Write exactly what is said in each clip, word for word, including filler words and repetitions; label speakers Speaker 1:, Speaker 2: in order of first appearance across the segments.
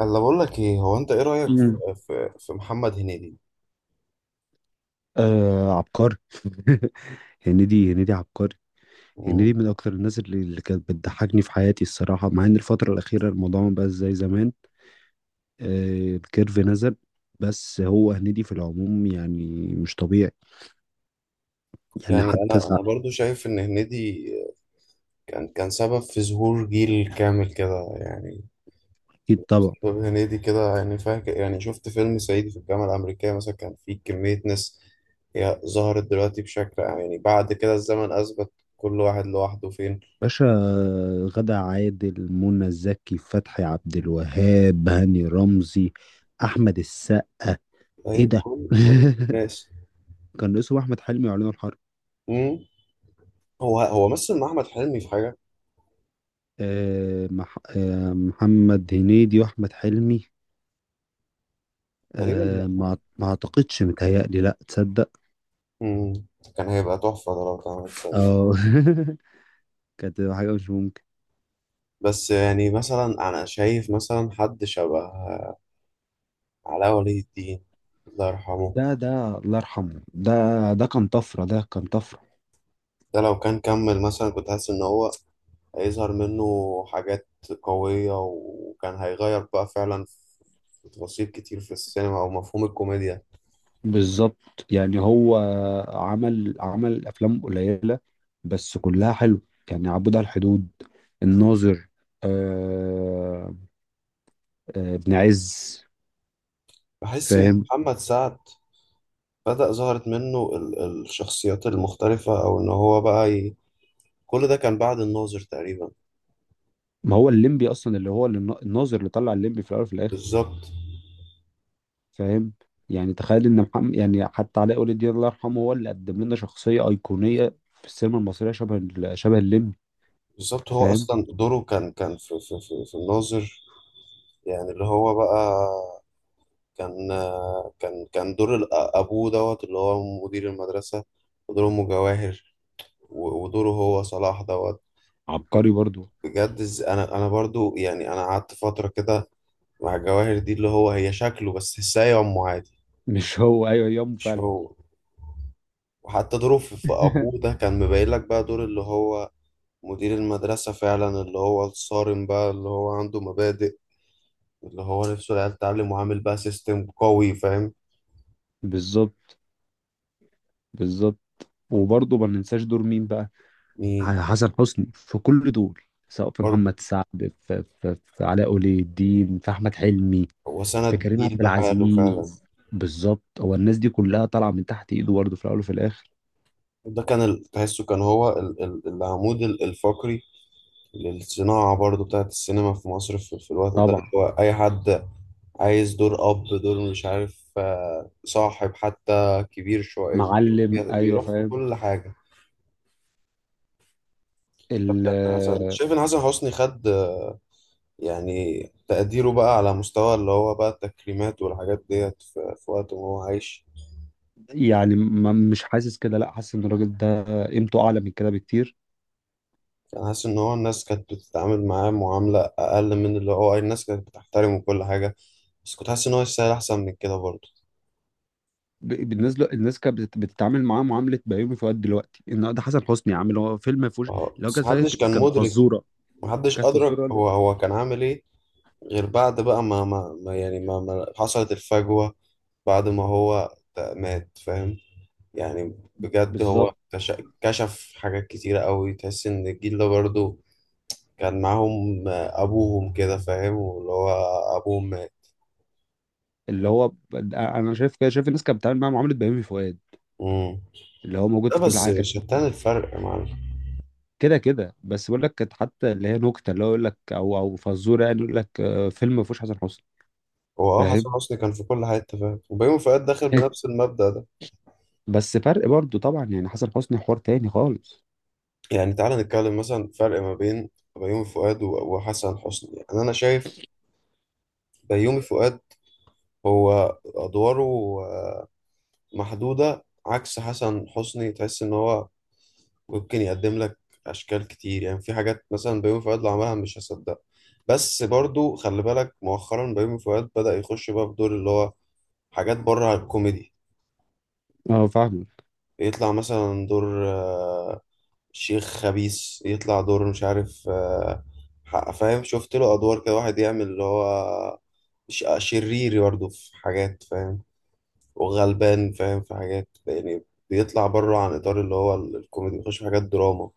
Speaker 1: انا بقول لك ايه، هو انت ايه رايك
Speaker 2: مم.
Speaker 1: في في, في محمد هنيدي؟
Speaker 2: آه عبقري. هنيدي. هنيدي عبقري. هنيدي
Speaker 1: مم.
Speaker 2: من اكتر الناس اللي, اللي كانت بتضحكني في حياتي الصراحه، مع ان الفتره الاخيره الموضوع ما بقاش زي زمان. آه الكيرف نزل. بس هو هنيدي في العموم يعني مش طبيعي. يعني
Speaker 1: يعني
Speaker 2: حتى
Speaker 1: انا
Speaker 2: سع-
Speaker 1: انا برضو شايف ان هنيدي كان كان سبب في ظهور جيل كامل كده يعني.
Speaker 2: اكيد طبعا
Speaker 1: سبب هنيدي كده يعني، فاكر يعني شفت فيلم صعيدي في الجامعه الامريكيه مثلا، كان فيه كميه ناس هي ظهرت دلوقتي بشكل عام. يعني بعد كده الزمن اثبت كل واحد لوحده فين.
Speaker 2: باشا. آه، غادة عادل، منى زكي، فتحي عبد الوهاب، هاني رمزي، احمد السقا. ايه
Speaker 1: اي
Speaker 2: ده؟
Speaker 1: كل كل الناس.
Speaker 2: كان اسمه احمد حلمي وعلينا الحرب.
Speaker 1: مم. هو هو مثل مع احمد حلمي في حاجه
Speaker 2: آه، مح... آه، محمد هنيدي واحمد حلمي.
Speaker 1: تقريبا، لا.
Speaker 2: آه، ما ما اعتقدش، متهيألي لا، تصدق.
Speaker 1: مم. كان هيبقى تحفه ده لو كان عمل.
Speaker 2: اه. كانت تبقى حاجة مش ممكن.
Speaker 1: بس يعني مثلا أنا شايف مثلا حد شبه علاء ولي الدين، الله يرحمه.
Speaker 2: ده ده الله يرحمه ده. ده كان طفرة، ده كان طفرة.
Speaker 1: ده لو كان كمل مثلا، كنت حاسس إن هو هيظهر منه حاجات قوية، وكان هيغير بقى فعلا في تفاصيل كتير في السينما أو مفهوم الكوميديا.
Speaker 2: بالظبط. يعني هو عمل عمل أفلام قليلة بس كلها حلو. يعني عبود على الحدود، الناظر، آه آه ابن عز.
Speaker 1: بحس إن
Speaker 2: فاهم.
Speaker 1: محمد سعد بدأ ظهرت منه ال- الشخصيات المختلفة أو إن هو بقى ي... كل ده كان بعد الناظر تقريبا.
Speaker 2: ما هو الليمبي أصلا اللي هو اللي النا- الناظر اللي طلع الليمبي في الأول وفي الآخر.
Speaker 1: بالظبط.
Speaker 2: فاهم. يعني تخيل ان محمد، يعني حتى علاء ولي الدين الله يرحمه، هو اللي قدم لنا شخصيه ايقونيه في السينما المصريه شبه ال- شبه الليمبي.
Speaker 1: بالظبط، هو
Speaker 2: فاهم.
Speaker 1: أصلا دوره كان كان في في في, في الناظر، يعني اللي هو بقى كان كان كان دور الأ- أبوه دوت، اللي هو مدير المدرسة، ودور أمه جواهر، و- ودوره هو صلاح دوت. ب-
Speaker 2: عبقري برضو.
Speaker 1: بجد إز- أنا أنا برضو يعني، أنا قعدت فترة كده مع جواهر دي، اللي هو هي شكله بس تحسها أمه عادي.
Speaker 2: مش هو، ايوه، يوم
Speaker 1: مش
Speaker 2: فعلا.
Speaker 1: هو. وحتى دوره في في أبوه ده كان مبين لك بقى دور اللي هو مدير المدرسة فعلا، اللي هو الصارم بقى، اللي هو عنده مبادئ، اللي هو نفسه العيال تتعلم، وعامل بقى سيستم قوي، فاهم؟
Speaker 2: بالظبط. بالظبط. وبرضه ما ننساش دور مين بقى.
Speaker 1: مين؟
Speaker 2: ح- حسن حسني في كل دور سواء في
Speaker 1: برضه
Speaker 2: محمد سعد، في, في, في علاء ولي الدين، في احمد حلمي،
Speaker 1: هو
Speaker 2: في
Speaker 1: سند
Speaker 2: كريم
Speaker 1: جيل
Speaker 2: عبد
Speaker 1: بحاله فعلا.
Speaker 2: العزيز. بالظبط، هو الناس دي كلها طالعه من تحت ايده برضه في الاول وفي الاخر.
Speaker 1: ده كان ال- تحسه كان هو ال- ال- العمود ال- الفقري للصناعة برضو بتاعت السينما في مصر، في, في الوقت ده، اللي
Speaker 2: طبعا.
Speaker 1: هو أي حد عايز دور أب، دور مش عارف، آه، صاحب، حتى كبير شوية،
Speaker 2: معلم،
Speaker 1: بي-
Speaker 2: ايوه،
Speaker 1: بيروح في
Speaker 2: فاهم.
Speaker 1: كل حاجة. طب
Speaker 2: ال
Speaker 1: كان حسن، أنت شايف إن حسن حسني خد يعني تقديره بقى على مستوى اللي هو بقى التكريمات والحاجات ديت في, في وقت ما هو عايش؟
Speaker 2: يعني ما- مش حاسس كده، لا حاسس ان الراجل ده قيمته اعلى من كده بكتير.
Speaker 1: كان حاسس إن هو الناس كانت بتتعامل معاه معاملة أقل من اللي هو، الناس كانت بتحترمه وكل حاجة، بس كنت حاسس ان هو يستاهل احسن من كده برضه.
Speaker 2: ب- بالنسبه له- الناس كانت بتت- بتتعامل معاه معامله بيومي فؤاد دلوقتي، ان ده حسن حسني يا عم، اللي هو فيلم ما فيهوش،
Speaker 1: اه
Speaker 2: اللي هو
Speaker 1: بس
Speaker 2: كانت
Speaker 1: محدش
Speaker 2: فاكر،
Speaker 1: كان
Speaker 2: كانت
Speaker 1: مدرك.
Speaker 2: فزوره.
Speaker 1: محدش
Speaker 2: كانت
Speaker 1: ادرك
Speaker 2: فزوره بجد.
Speaker 1: هو هو كان عامل ايه، غير بعد بقى ما ما ما- يعني ما, ما حصلت الفجوة بعد ما هو مات، فاهم؟ يعني بجد هو
Speaker 2: بالظبط.
Speaker 1: كش- كشف حاجات كتيرة قوي، تحس ان الجيل ده برضه كان معاهم ابوهم كده، فاهم، واللي هو ابوهم مات.
Speaker 2: اللي هو ب- انا شايف كده، شايف الناس كانت بتتعامل معاه معامله بيومي فؤاد
Speaker 1: مم.
Speaker 2: اللي هو موجود
Speaker 1: ده
Speaker 2: في كل
Speaker 1: بس
Speaker 2: حاجه.
Speaker 1: شتان الفرق يا معلم.
Speaker 2: كده كده، بس بقول لك كانت حتى اللي هي نكته اللي هو يقول لك، او او فزوره، يعني يقول لك آه، فيلم ما فيهوش حسن حسني.
Speaker 1: هو اه، حسن
Speaker 2: فاهم.
Speaker 1: حسني كان في كل حتة، فاهم، وبيومي فؤاد داخل بنفس المبدأ ده.
Speaker 2: بس فرق برضو طبعا، يعني حسن حسني حوار تاني خالص.
Speaker 1: يعني تعالى نتكلم مثلا فرق ما بين بيومي فؤاد و- وحسن حسني. يعني انا شايف بيومي فؤاد هو ادواره آه، محدودة، عكس حسن حسني تحس ان هو ممكن يقدم لك اشكال كتير. يعني في حاجات مثلا بيومي فؤاد لو عملها مش هصدقها. بس برضو خلي بالك مؤخرا بيومي فؤاد بدأ يخش بقى في دور اللي هو حاجات بره الكوميدي.
Speaker 2: اه فاهمك.
Speaker 1: يطلع مثلا دور شيخ خبيث، يطلع دور مش عارف، آه، حق- فاهم، شفت له ادوار كده واحد يعمل اللي هو ش- شرير برضه في حاجات، فاهم، وغلبان، فاهم، في حاجات يعني. بيطلع بره عن اطار اللي هو ال- الكوميدي، بيخش في حاجات دراما.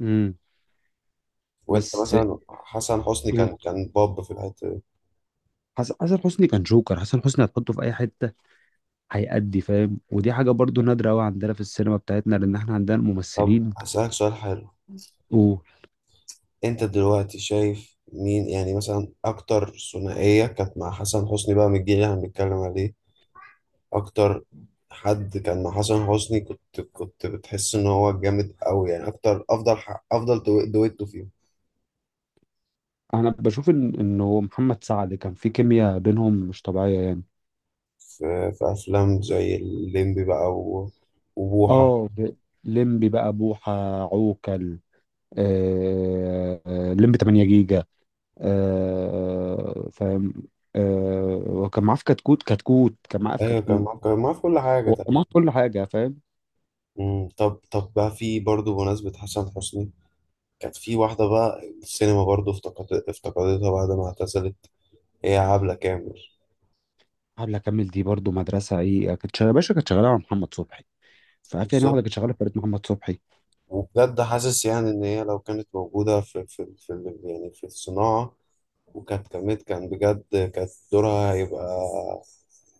Speaker 2: امم
Speaker 1: وانت
Speaker 2: بس.
Speaker 1: مثلا حسن حسني
Speaker 2: مم.
Speaker 1: كان كان باب في الحته دي.
Speaker 2: حسن حسن حسني كان جوكر، حسن حسني هتحطه في اي حته هيأدي، فاهم، ودي حاجه برضو نادره قوي عندنا في السينما بتاعتنا، لان احنا عندنا
Speaker 1: طب
Speaker 2: الممثلين.
Speaker 1: هسألك سؤال حلو.
Speaker 2: وانا
Speaker 1: انت دلوقتي شايف مين، يعني مثلا اكتر ثنائيه كانت مع حسن حسني بقى من الجيل اللي احنا بنتكلم عليه؟ اكتر حد كان مع حسن حسني كنت كنت بتحس ان هو جامد قوي، يعني اكتر، افضل ح- افضل دو- دويتو فيهم.
Speaker 2: بشوف ان انه محمد سعد كان في كيمياء بينهم مش طبيعيه يعني.
Speaker 1: في, في افلام زي الليمبي بقى و- وبوحة.
Speaker 2: اه في- ليمبي بقى، بوحه، عوكل، آه... آه، ليمبي ثمانية جيجا، آه... فاهم، آه... وكان معاه في كتكوت. كتكوت كان معاه في
Speaker 1: ايوه كان
Speaker 2: كتكوت،
Speaker 1: معاه، كان معاه في كل حاجة
Speaker 2: وكان
Speaker 1: تقريبا.
Speaker 2: معاه في كل حاجه، فاهم.
Speaker 1: مم، طب طب بقى في برضه بمناسبة حسن حسني، كانت في واحدة بقى السينما برضه افتقدت افتقدتها بعد ما اعتزلت، هي عبلة كامل.
Speaker 2: قبل اكمل، دي برضو مدرسه، ايه، كانت شغاله باشا، كانت شغاله مع محمد صبحي. فعارف يعني واحده
Speaker 1: بالظبط.
Speaker 2: كانت شغاله في فرقه محمد صبحي.
Speaker 1: وبجد حاسس يعني إن هي لو كانت موجودة في في في ال- يعني في الصناعة وكانت كمية، كان بجد كانت دورها هيبقى،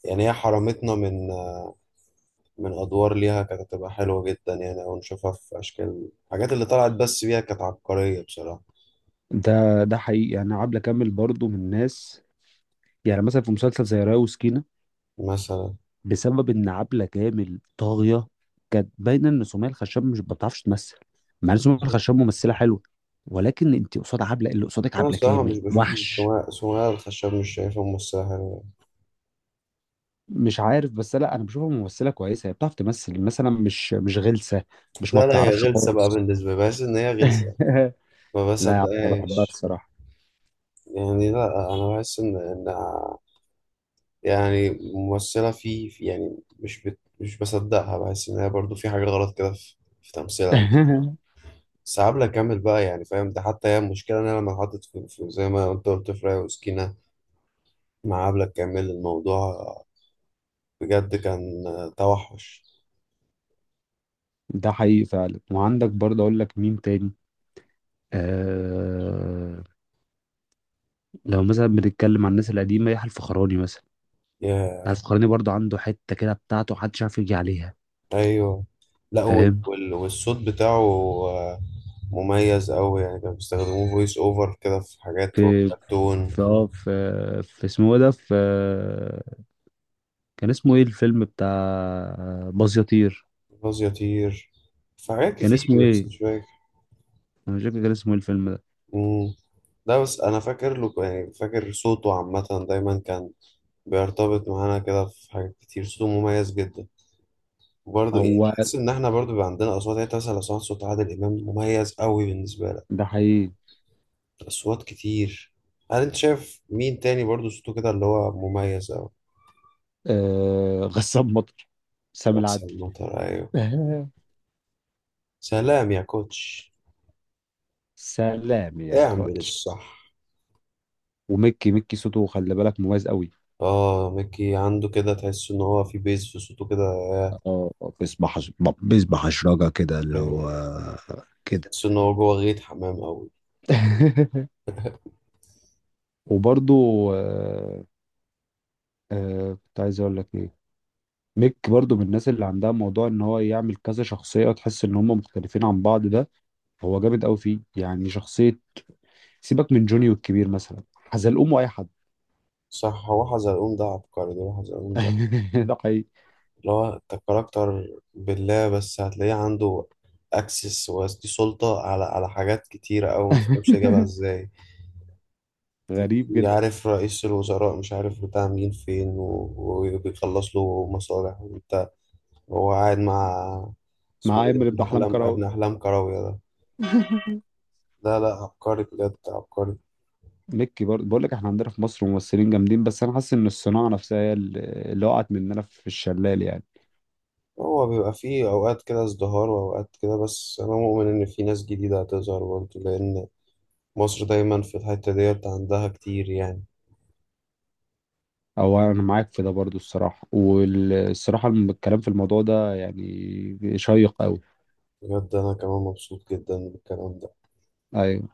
Speaker 1: يعني هي حرمتنا من من أدوار ليها كانت هتبقى حلوة جدا، يعني أو نشوفها في أشكال الحاجات اللي طلعت بس بيها، كانت عبقرية بصراحة.
Speaker 2: ده ده حقيقي، يعني عبله كامل برضو من الناس. يعني مثلا في مسلسل زي رايه وسكينه،
Speaker 1: مثلا
Speaker 2: بسبب ان عبله كامل طاغيه، كانت باينه ان سمية الخشاب مش ما بتعرفش تمثل، مع ان سمية الخشاب ممثله حلوه، ولكن انت قصاد عبله، اللي قصادك
Speaker 1: أنا
Speaker 2: عبله
Speaker 1: الصراحة مش
Speaker 2: كامل
Speaker 1: بشوف
Speaker 2: وحش.
Speaker 1: سمية، سمية الخشاب مش شايفها ممثلة حلوة.
Speaker 2: مش عارف، بس لا انا بشوفها ممثله كويسه، هي بتعرف تمثل مثلا، مش مش غلسه، مش ما
Speaker 1: لا لا، هي
Speaker 2: بتعرفش
Speaker 1: غلسة بقى
Speaker 2: خالص.
Speaker 1: بالنسبة لي، بحس إن هي غلسة، ما
Speaker 2: لا يا عبله، بحبها
Speaker 1: بصدقهاش.
Speaker 2: الصراحه.
Speaker 1: يعني لا، أنا بحس إن إن يعني ممثلة في في- يعني مش بت مش بصدقها، بحس إن هي برضو في حاجة غلط كده في في تمثيلها. بس عبلة كامل بقى يعني، فاهم، ده حتى هي المشكلة، إن أنا لما اتحطت في في- زي ما أنت قلت في ريا وسكينة مع عبلة كامل، الموضوع بجد كان توحش.
Speaker 2: ده حقيقي فعلا. وعندك برضه اقول لك مين تاني؟ آه، لو مثلا بنتكلم عن الناس القديمه، يحيى الفخراني مثلا. يحيى
Speaker 1: يا،
Speaker 2: الفخراني برضه عنده حته كده بتاعته محدش عارف يجي عليها،
Speaker 1: أيوه، لا. وال-
Speaker 2: فاهم.
Speaker 1: وال- والصوت بتاعه آه، مميز أوي، يعني كانوا بيستخدموه فويس أوفر كده في حاجات
Speaker 2: في
Speaker 1: وكرتون.
Speaker 2: في اه في في اسمه ايه ده، في كان اسمه ايه الفيلم بتاع باز يطير؟
Speaker 1: غاز يطير، في حاجات
Speaker 2: كان اسمه
Speaker 1: كتير بس
Speaker 2: ايه؟
Speaker 1: مش فاكر.
Speaker 2: انا مش فاكر كان اسمه ايه الفيلم ده.
Speaker 1: مم. لا بس أنا فاكر له، يعني فاكر صوته عامة، دايما كان بيرتبط معانا كده في حاجات كتير، صوته مميز جدا. وبرضه ايه،
Speaker 2: هو
Speaker 1: بحس ان احنا برضه بيبقى عندنا اصوات. يعني إنت مثلا لو سمعت صوت عادل امام مميز قوي بالنسبه لك؟
Speaker 2: ده حقيقي.
Speaker 1: اصوات كتير. هل انت شايف مين تاني برضه صوته كده اللي هو مميز قوي؟
Speaker 2: آه غسان مطر، سامي
Speaker 1: رأس
Speaker 2: العدل.
Speaker 1: المطر، ايوه.
Speaker 2: آه،
Speaker 1: سلام يا كوتش.
Speaker 2: سلام يا
Speaker 1: اعمل
Speaker 2: كوتش.
Speaker 1: الصح.
Speaker 2: وميكي. ميكي صوته خلي بالك مميز قوي.
Speaker 1: اه ميكي، عنده كده تحس ان هو في بيز في صوته كده.
Speaker 2: اه، بيسبح، بيسبح اشراجة كده، اللي هو كده.
Speaker 1: تحس ان هو جوه غيط حمام قوي.
Speaker 2: وبرضو آه، آه، كنت عايز اقول لك ايه؟ ميك برضو من الناس اللي عندها موضوع ان هو يعمل كذا شخصية، تحس ان هم مختلفين عن بعض، ده هو جامد قوي فيه يعني، شخصية. سيبك من جوني والكبير مثلا، حزلقوم واي حد.
Speaker 1: صح، هو حزلقوم ده عبقري، ده حزلقوم ده،
Speaker 2: ده حقيقي.
Speaker 1: اللي هو انت كاركتر بالله، بس هتلاقيه عنده اكسس ودي سلطة على على حاجات كتيرة أوي، متفهمش جابها ازاي.
Speaker 2: غريب جدا.
Speaker 1: يعرف رئيس الوزراء، مش عارف بتاع مين فين، و- وبيخلص له مصالح، وانت هو قاعد مع
Speaker 2: مع
Speaker 1: اسمه ايه ده،
Speaker 2: عامر
Speaker 1: ابن
Speaker 2: ابن احلام
Speaker 1: أحلام،
Speaker 2: كراوي.
Speaker 1: ابن أحلام كراوية ده. لا لا، عبقري بجد، عبقري.
Speaker 2: مكي برضه بقول لك احنا عندنا في مصر ممثلين جامدين، بس انا حاسس ان الصناعه نفسها هي اللي اللي وقعت مننا في الشلال يعني.
Speaker 1: هو بيبقى فيه أوقات كده ازدهار وأوقات كده، بس أنا مؤمن إن في ناس جديدة هتظهر برضه، لأن مصر دايما في الحتة ديت عندها كتير يعني.
Speaker 2: او انا معاك في ده برضه الصراحه، والصراحه الم- الكلام في الموضوع ده يعني شيق قوي.
Speaker 1: بجد أنا كمان مبسوط جدا بالكلام ده.
Speaker 2: ايوه.